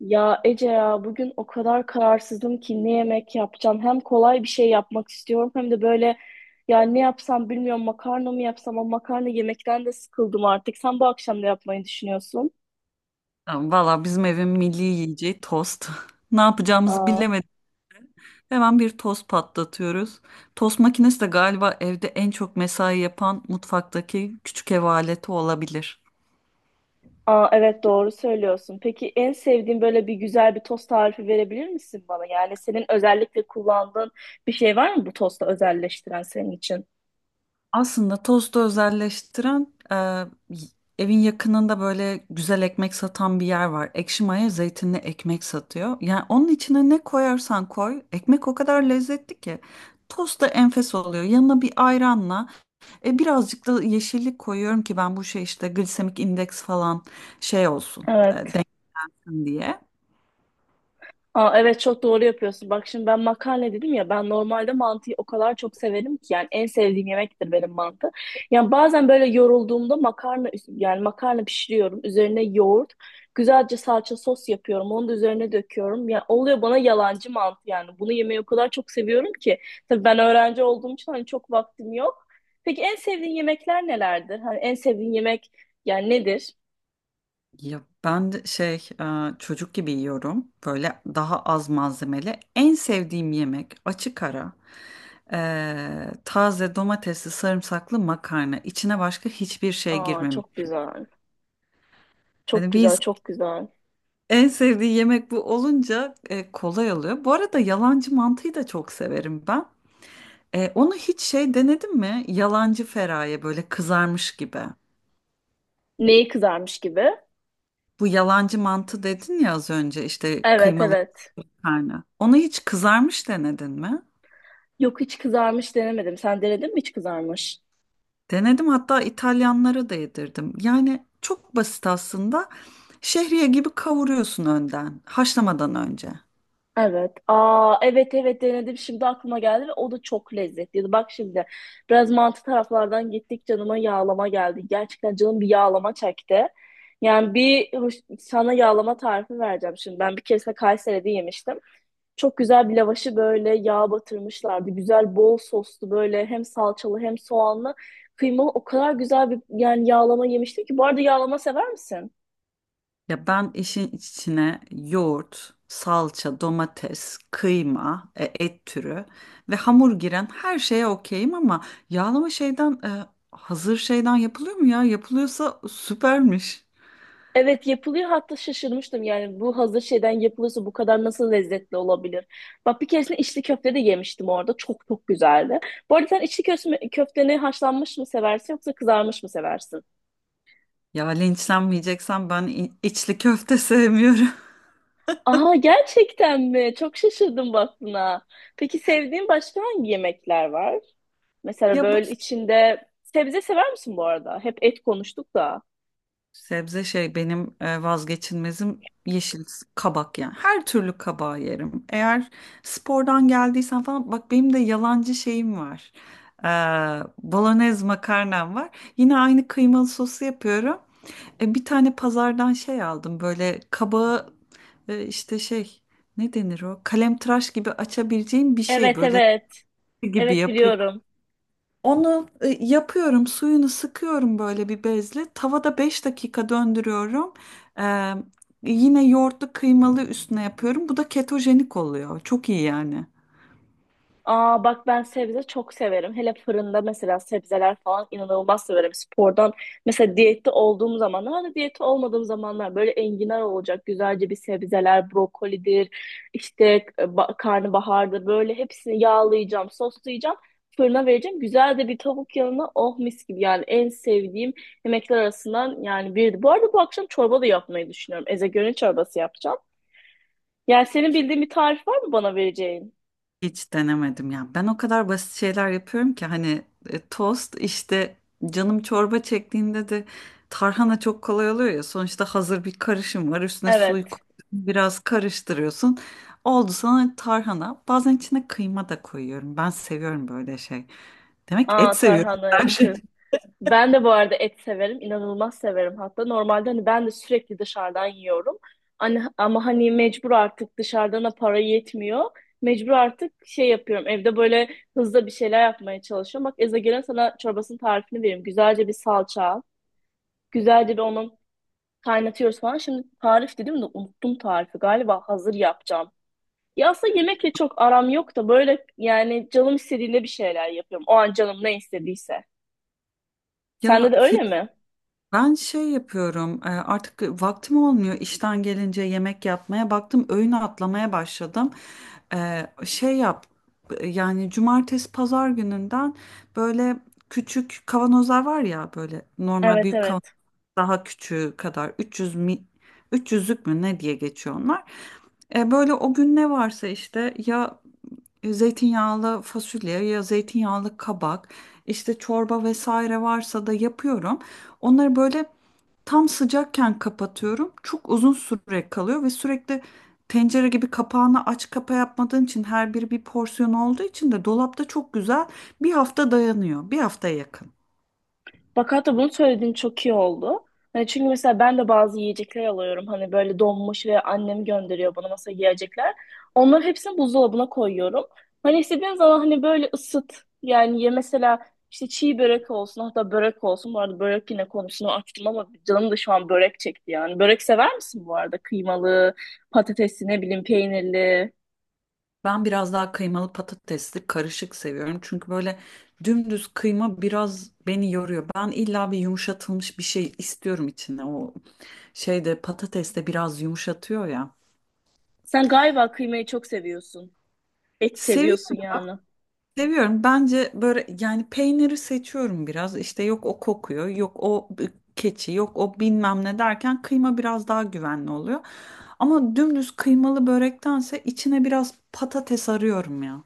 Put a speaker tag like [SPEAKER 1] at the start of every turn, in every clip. [SPEAKER 1] Ya Ece ya bugün o kadar kararsızım ki ne yemek yapacağım. Hem kolay bir şey yapmak istiyorum hem de böyle ya ne yapsam bilmiyorum makarna mı yapsam ama makarna yemekten de sıkıldım artık. Sen bu akşam da yapmayı düşünüyorsun.
[SPEAKER 2] Tamam. Valla, bizim evin milli yiyeceği tost. Ne yapacağımızı
[SPEAKER 1] Aa,
[SPEAKER 2] bilemedik. Hemen bir tost patlatıyoruz. Tost makinesi de galiba evde en çok mesai yapan mutfaktaki küçük ev aleti olabilir.
[SPEAKER 1] aa, evet doğru söylüyorsun. Peki en sevdiğin böyle bir güzel bir tost tarifi verebilir misin bana? Yani senin özellikle kullandığın bir şey var mı bu tosta özelleştiren senin için?
[SPEAKER 2] Aslında tostu özelleştiren evin yakınında böyle güzel ekmek satan bir yer var. Ekşi maya zeytinli ekmek satıyor. Yani onun içine ne koyarsan koy ekmek o kadar lezzetli ki. Tost da enfes oluyor. Yanına bir ayranla birazcık da yeşillik koyuyorum ki ben bu şey işte glisemik indeks falan şey olsun,
[SPEAKER 1] Evet.
[SPEAKER 2] dengesin diye.
[SPEAKER 1] Aa, evet çok doğru yapıyorsun. Bak şimdi ben makarna dedim ya ben normalde mantıyı o kadar çok severim ki yani en sevdiğim yemektir benim mantı. Yani bazen böyle yorulduğumda makarna yani makarna pişiriyorum. Üzerine yoğurt, güzelce salça sos yapıyorum. Onu da üzerine döküyorum. Yani oluyor bana yalancı mantı yani. Bunu yemeyi o kadar çok seviyorum ki. Tabii ben öğrenci olduğum için hani çok vaktim yok. Peki en sevdiğin yemekler nelerdir? Hani en sevdiğin yemek yani nedir?
[SPEAKER 2] Ya ben de çocuk gibi yiyorum, böyle daha az malzemeli. En sevdiğim yemek açık ara taze domatesli sarımsaklı makarna, içine başka hiçbir şey
[SPEAKER 1] Aa
[SPEAKER 2] girmemiş.
[SPEAKER 1] çok güzel. Çok
[SPEAKER 2] Hani bir
[SPEAKER 1] güzel,
[SPEAKER 2] insan
[SPEAKER 1] çok güzel.
[SPEAKER 2] en sevdiği yemek bu olunca kolay oluyor. Bu arada yalancı mantıyı da çok severim ben. Onu hiç şey denedin mi? Yalancı feraye, böyle kızarmış gibi.
[SPEAKER 1] Neyi kızarmış gibi?
[SPEAKER 2] Bu yalancı mantı dedin ya az önce, işte
[SPEAKER 1] Evet
[SPEAKER 2] kıymalı
[SPEAKER 1] evet.
[SPEAKER 2] karnı. Onu hiç kızarmış denedin mi?
[SPEAKER 1] Yok hiç kızarmış denemedim. Sen denedin mi hiç kızarmış?
[SPEAKER 2] Denedim, hatta İtalyanlara da yedirdim. Yani çok basit aslında. Şehriye gibi kavuruyorsun önden, haşlamadan önce.
[SPEAKER 1] Evet. Aa evet evet denedim. Şimdi aklıma geldi ve o da çok lezzetliydi. Bak şimdi biraz mantı taraflardan gittik canıma yağlama geldi. Gerçekten canım bir yağlama çekti. Yani sana yağlama tarifi vereceğim şimdi. Ben bir keresinde Kayseri'de yemiştim. Çok güzel bir lavaşı böyle yağ batırmışlardı. Güzel bol soslu böyle hem salçalı hem soğanlı kıymalı. O kadar güzel bir yani yağlama yemiştim ki. Bu arada yağlama sever misin?
[SPEAKER 2] Ya ben işin içine yoğurt, salça, domates, kıyma, et türü ve hamur giren her şeye okeyim, ama yağlama hazır şeyden yapılıyor mu ya? Yapılıyorsa süpermiş.
[SPEAKER 1] Evet yapılıyor hatta şaşırmıştım yani bu hazır şeyden yapılıyorsa bu kadar nasıl lezzetli olabilir? Bak bir keresinde içli köfte de yemiştim orada çok çok güzeldi. Bu arada sen içli köfte, köfteni haşlanmış mı seversin yoksa kızarmış mı seversin?
[SPEAKER 2] Ya, linçlenmeyeceksem ben içli köfte sevmiyorum.
[SPEAKER 1] Aa gerçekten mi? Çok şaşırdım bak buna. Peki sevdiğin başka hangi yemekler var? Mesela
[SPEAKER 2] Ya,
[SPEAKER 1] böyle içinde sebze sever misin bu arada? Hep et konuştuk da.
[SPEAKER 2] sebze şey benim vazgeçilmezim, yeşil kabak yani. Her türlü kabağı yerim. Eğer spordan geldiysen falan, bak benim de yalancı şeyim var. Ee, Bolognese makarnam var. Yine aynı kıymalı sosu yapıyorum. Bir tane pazardan şey aldım, böyle kabağı, e, işte şey ne denir o? Kalemtıraş gibi açabileceğim bir şey,
[SPEAKER 1] Evet
[SPEAKER 2] böyle
[SPEAKER 1] evet
[SPEAKER 2] gibi
[SPEAKER 1] evet
[SPEAKER 2] yapıyorum.
[SPEAKER 1] biliyorum.
[SPEAKER 2] Onu yapıyorum, suyunu sıkıyorum böyle bir bezle. Tavada 5 dakika döndürüyorum. Ee, Yine yoğurtlu kıymalı üstüne yapıyorum. Bu da ketojenik oluyor. Çok iyi yani.
[SPEAKER 1] Aa bak ben sebze çok severim. Hele fırında mesela sebzeler falan inanılmaz severim. Spordan mesela diyette olduğum zamanlar da diyette olmadığım zamanlar böyle enginar olacak. Güzelce bir sebzeler, brokolidir, işte karnabahardır. Böyle hepsini yağlayacağım, soslayacağım. Fırına vereceğim. Güzel de bir tavuk yanına oh mis gibi yani en sevdiğim yemekler arasından yani birdi. Bu arada bu akşam çorba da yapmayı düşünüyorum. Ezogelin çorbası yapacağım. Yani senin bildiğin bir tarif var mı bana vereceğin?
[SPEAKER 2] Hiç denemedim ya. Ben o kadar basit şeyler yapıyorum ki, hani tost işte, canım çorba çektiğinde de tarhana çok kolay oluyor ya. Sonuçta hazır bir karışım var. Üstüne suyu
[SPEAKER 1] Evet.
[SPEAKER 2] koyuyorsun, biraz karıştırıyorsun. Oldu sana tarhana. Bazen içine kıyma da koyuyorum. Ben seviyorum böyle şey. Demek et
[SPEAKER 1] Aa
[SPEAKER 2] seviyorum
[SPEAKER 1] tarhana
[SPEAKER 2] her şey.
[SPEAKER 1] yakı. Ben de bu arada et severim. İnanılmaz severim hatta. Normalde hani ben de sürekli dışarıdan yiyorum. Hani, ama hani mecbur artık dışarıdan para yetmiyor. Mecbur artık şey yapıyorum. Evde böyle hızlı bir şeyler yapmaya çalışıyorum. Bak Eza gelen sana çorbasının tarifini vereyim. Güzelce bir salça al. Güzelce bir onun kaynatıyoruz falan. Şimdi tarif dedim de unuttum tarifi. Galiba hazır yapacağım. Ya aslında yemekle çok aram yok da böyle yani canım istediğinde bir şeyler yapıyorum. O an canım ne istediyse. Sende
[SPEAKER 2] Ya
[SPEAKER 1] de öyle
[SPEAKER 2] Firuze,
[SPEAKER 1] mi?
[SPEAKER 2] ben şey yapıyorum, artık vaktim olmuyor işten gelince yemek yapmaya, baktım öğün atlamaya başladım. E, şey yap Yani cumartesi pazar gününden böyle küçük kavanozlar var ya, böyle normal
[SPEAKER 1] Evet
[SPEAKER 2] büyük kavanozlar.
[SPEAKER 1] evet.
[SPEAKER 2] Daha küçüğü kadar, 300 mi 300'lük mü ne diye geçiyor onlar. Böyle o gün ne varsa, işte ya zeytinyağlı fasulye, ya zeytinyağlı kabak, işte çorba vesaire varsa da yapıyorum. Onları böyle tam sıcakken kapatıyorum. Çok uzun süre kalıyor ve sürekli tencere gibi kapağını aç kapa yapmadığın için, her biri bir porsiyon olduğu için de dolapta çok güzel bir hafta dayanıyor. Bir haftaya yakın.
[SPEAKER 1] Bak hatta bunu söylediğin çok iyi oldu. Hani çünkü mesela ben de bazı yiyecekler alıyorum. Hani böyle donmuş ve annem gönderiyor bana mesela yiyecekler. Onların hepsini buzdolabına koyuyorum. Hani istediğin zaman hani böyle ısıt. Yani ye mesela işte çiğ börek olsun hatta börek olsun. Bu arada börek yine konusunu açtım ama canım da şu an börek çekti yani. Börek sever misin bu arada? Kıymalı, patatesli ne bileyim peynirli.
[SPEAKER 2] Ben biraz daha kıymalı patatesli karışık seviyorum. Çünkü böyle dümdüz kıyma biraz beni yoruyor. Ben illa bir yumuşatılmış bir şey istiyorum içinde. O şeyde patates de biraz yumuşatıyor ya.
[SPEAKER 1] Sen galiba kıymayı çok seviyorsun. Et seviyorsun
[SPEAKER 2] Seviyorum,
[SPEAKER 1] yani.
[SPEAKER 2] seviyorum. Bence böyle, yani peyniri seçiyorum biraz. İşte yok o kokuyor, yok o keçi, yok o bilmem ne derken kıyma biraz daha güvenli oluyor. Ama dümdüz kıymalı börektense içine biraz patates arıyorum ya.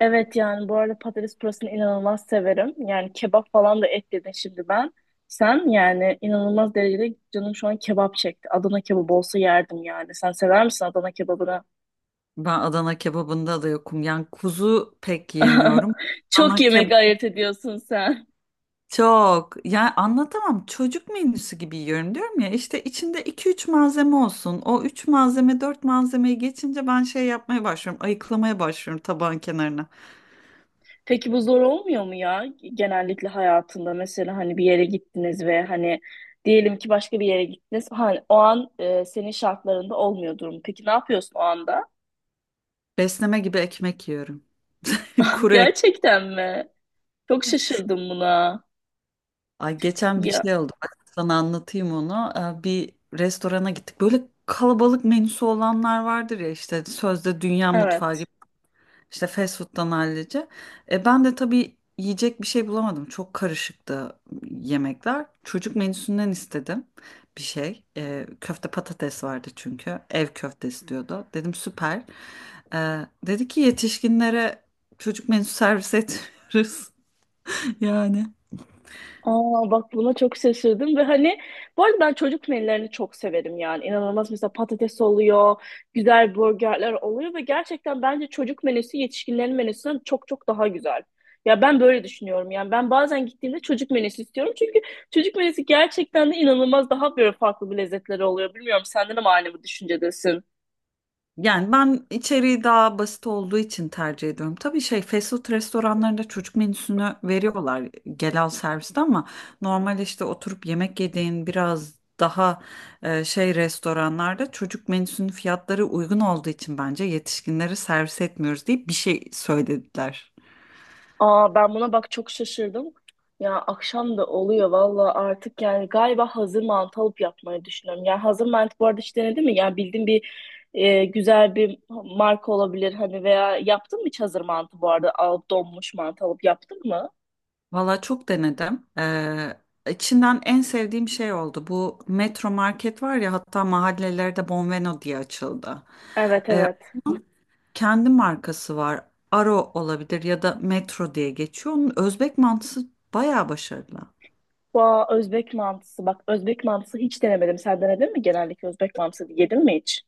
[SPEAKER 1] Evet yani bu arada patates pürasını inanılmaz severim. Yani kebap falan da et dedin şimdi ben. Sen yani inanılmaz derecede canım şu an kebap çekti. Adana kebabı olsa yerdim yani. Sen sever misin Adana kebabını?
[SPEAKER 2] Ben Adana kebabında da yokum. Yani kuzu pek yemiyorum.
[SPEAKER 1] Çok
[SPEAKER 2] Adana
[SPEAKER 1] yemek
[SPEAKER 2] kebap
[SPEAKER 1] ayırt ediyorsun sen.
[SPEAKER 2] çok, yani anlatamam. Çocuk menüsü gibi yiyorum diyorum ya. İşte içinde iki üç malzeme olsun. O 3 malzeme 4 malzemeyi geçince ben şey yapmaya başlıyorum, ayıklamaya başlıyorum tabağın kenarına.
[SPEAKER 1] Peki bu zor olmuyor mu ya? Genellikle hayatında mesela hani bir yere gittiniz ve hani diyelim ki başka bir yere gittiniz. Hani o an senin şartlarında olmuyor durum. Peki ne yapıyorsun o anda?
[SPEAKER 2] Besleme gibi ekmek yiyorum. Kuru ekmek.
[SPEAKER 1] Gerçekten mi? Çok şaşırdım buna.
[SPEAKER 2] Ay, geçen bir
[SPEAKER 1] Ya
[SPEAKER 2] şey oldu. Bak sana anlatayım onu. Bir restorana gittik. Böyle kalabalık menüsü olanlar vardır ya, işte sözde dünya mutfağı gibi.
[SPEAKER 1] evet.
[SPEAKER 2] İşte fast food'dan hallice. Ben de tabii yiyecek bir şey bulamadım. Çok karışıktı yemekler. Çocuk menüsünden istedim bir şey. Köfte patates vardı çünkü. Ev köftesi diyordu. Dedim süper. E, Dedi ki yetişkinlere çocuk menüsü servis etmiyoruz. Yani.
[SPEAKER 1] Aa bak buna çok şaşırdım ve hani bu arada ben çocuk menülerini çok severim yani inanılmaz mesela patates oluyor, güzel burgerler oluyor ve gerçekten bence çocuk menüsü yetişkinlerin menüsünden çok çok daha güzel. Ya ben böyle düşünüyorum yani ben bazen gittiğimde çocuk menüsü istiyorum çünkü çocuk menüsü gerçekten de inanılmaz daha böyle farklı bir lezzetleri oluyor. Bilmiyorum senden de mi aynı bu düşüncedesin?
[SPEAKER 2] Yani ben içeriği daha basit olduğu için tercih ediyorum. Tabii şey, fast food restoranlarında çocuk menüsünü veriyorlar gel al serviste, ama normal işte oturup yemek yediğin biraz daha şey restoranlarda çocuk menüsünün fiyatları uygun olduğu için bence yetişkinlere servis etmiyoruz diye bir şey söylediler.
[SPEAKER 1] Aa ben buna bak çok şaşırdım. Ya akşam da oluyor valla artık yani galiba hazır mantı alıp yapmayı düşünüyorum. Yani hazır mantı bu arada hiç denedin mi? Yani bildiğin bir güzel bir marka olabilir hani veya yaptın mı hiç hazır mantı bu arada alıp donmuş mantı alıp yaptın mı?
[SPEAKER 2] Valla çok denedim. İçinden en sevdiğim şey oldu. Bu Metro Market var ya, hatta mahallelerde Bonveno diye açıldı.
[SPEAKER 1] Evet evet.
[SPEAKER 2] Kendi markası var. Aro olabilir ya da Metro diye geçiyor. Onun Özbek mantısı bayağı başarılı.
[SPEAKER 1] Bu Özbek mantısı bak Özbek mantısı hiç denemedim. Sen denedin mi genellikle Özbek mantısı yedin mi hiç?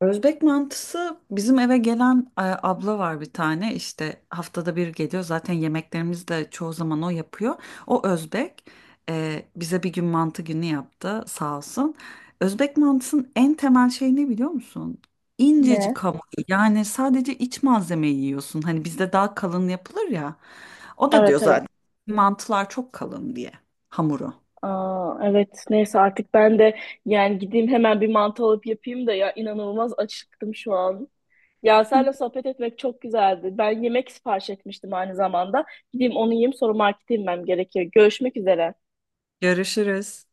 [SPEAKER 2] Özbek mantısı, bizim eve gelen abla var bir tane, işte haftada bir geliyor, zaten yemeklerimizi de çoğu zaman o yapıyor. O Özbek, bize bir gün mantı günü yaptı sağ olsun. Özbek mantısının en temel şey ne biliyor musun? İncecik
[SPEAKER 1] Ne?
[SPEAKER 2] hamur, yani sadece iç malzemeyi yiyorsun, hani bizde daha kalın yapılır ya. O da diyor
[SPEAKER 1] Evet evet.
[SPEAKER 2] zaten mantılar çok kalın diye, hamuru.
[SPEAKER 1] Aa, evet neyse artık ben de yani gideyim hemen bir mantı alıp yapayım da ya inanılmaz açıktım şu an. Ya seninle sohbet etmek çok güzeldi. Ben yemek sipariş etmiştim aynı zamanda. Gideyim onu yiyeyim sonra markete inmem gerekiyor. Görüşmek üzere.
[SPEAKER 2] Görüşürüz.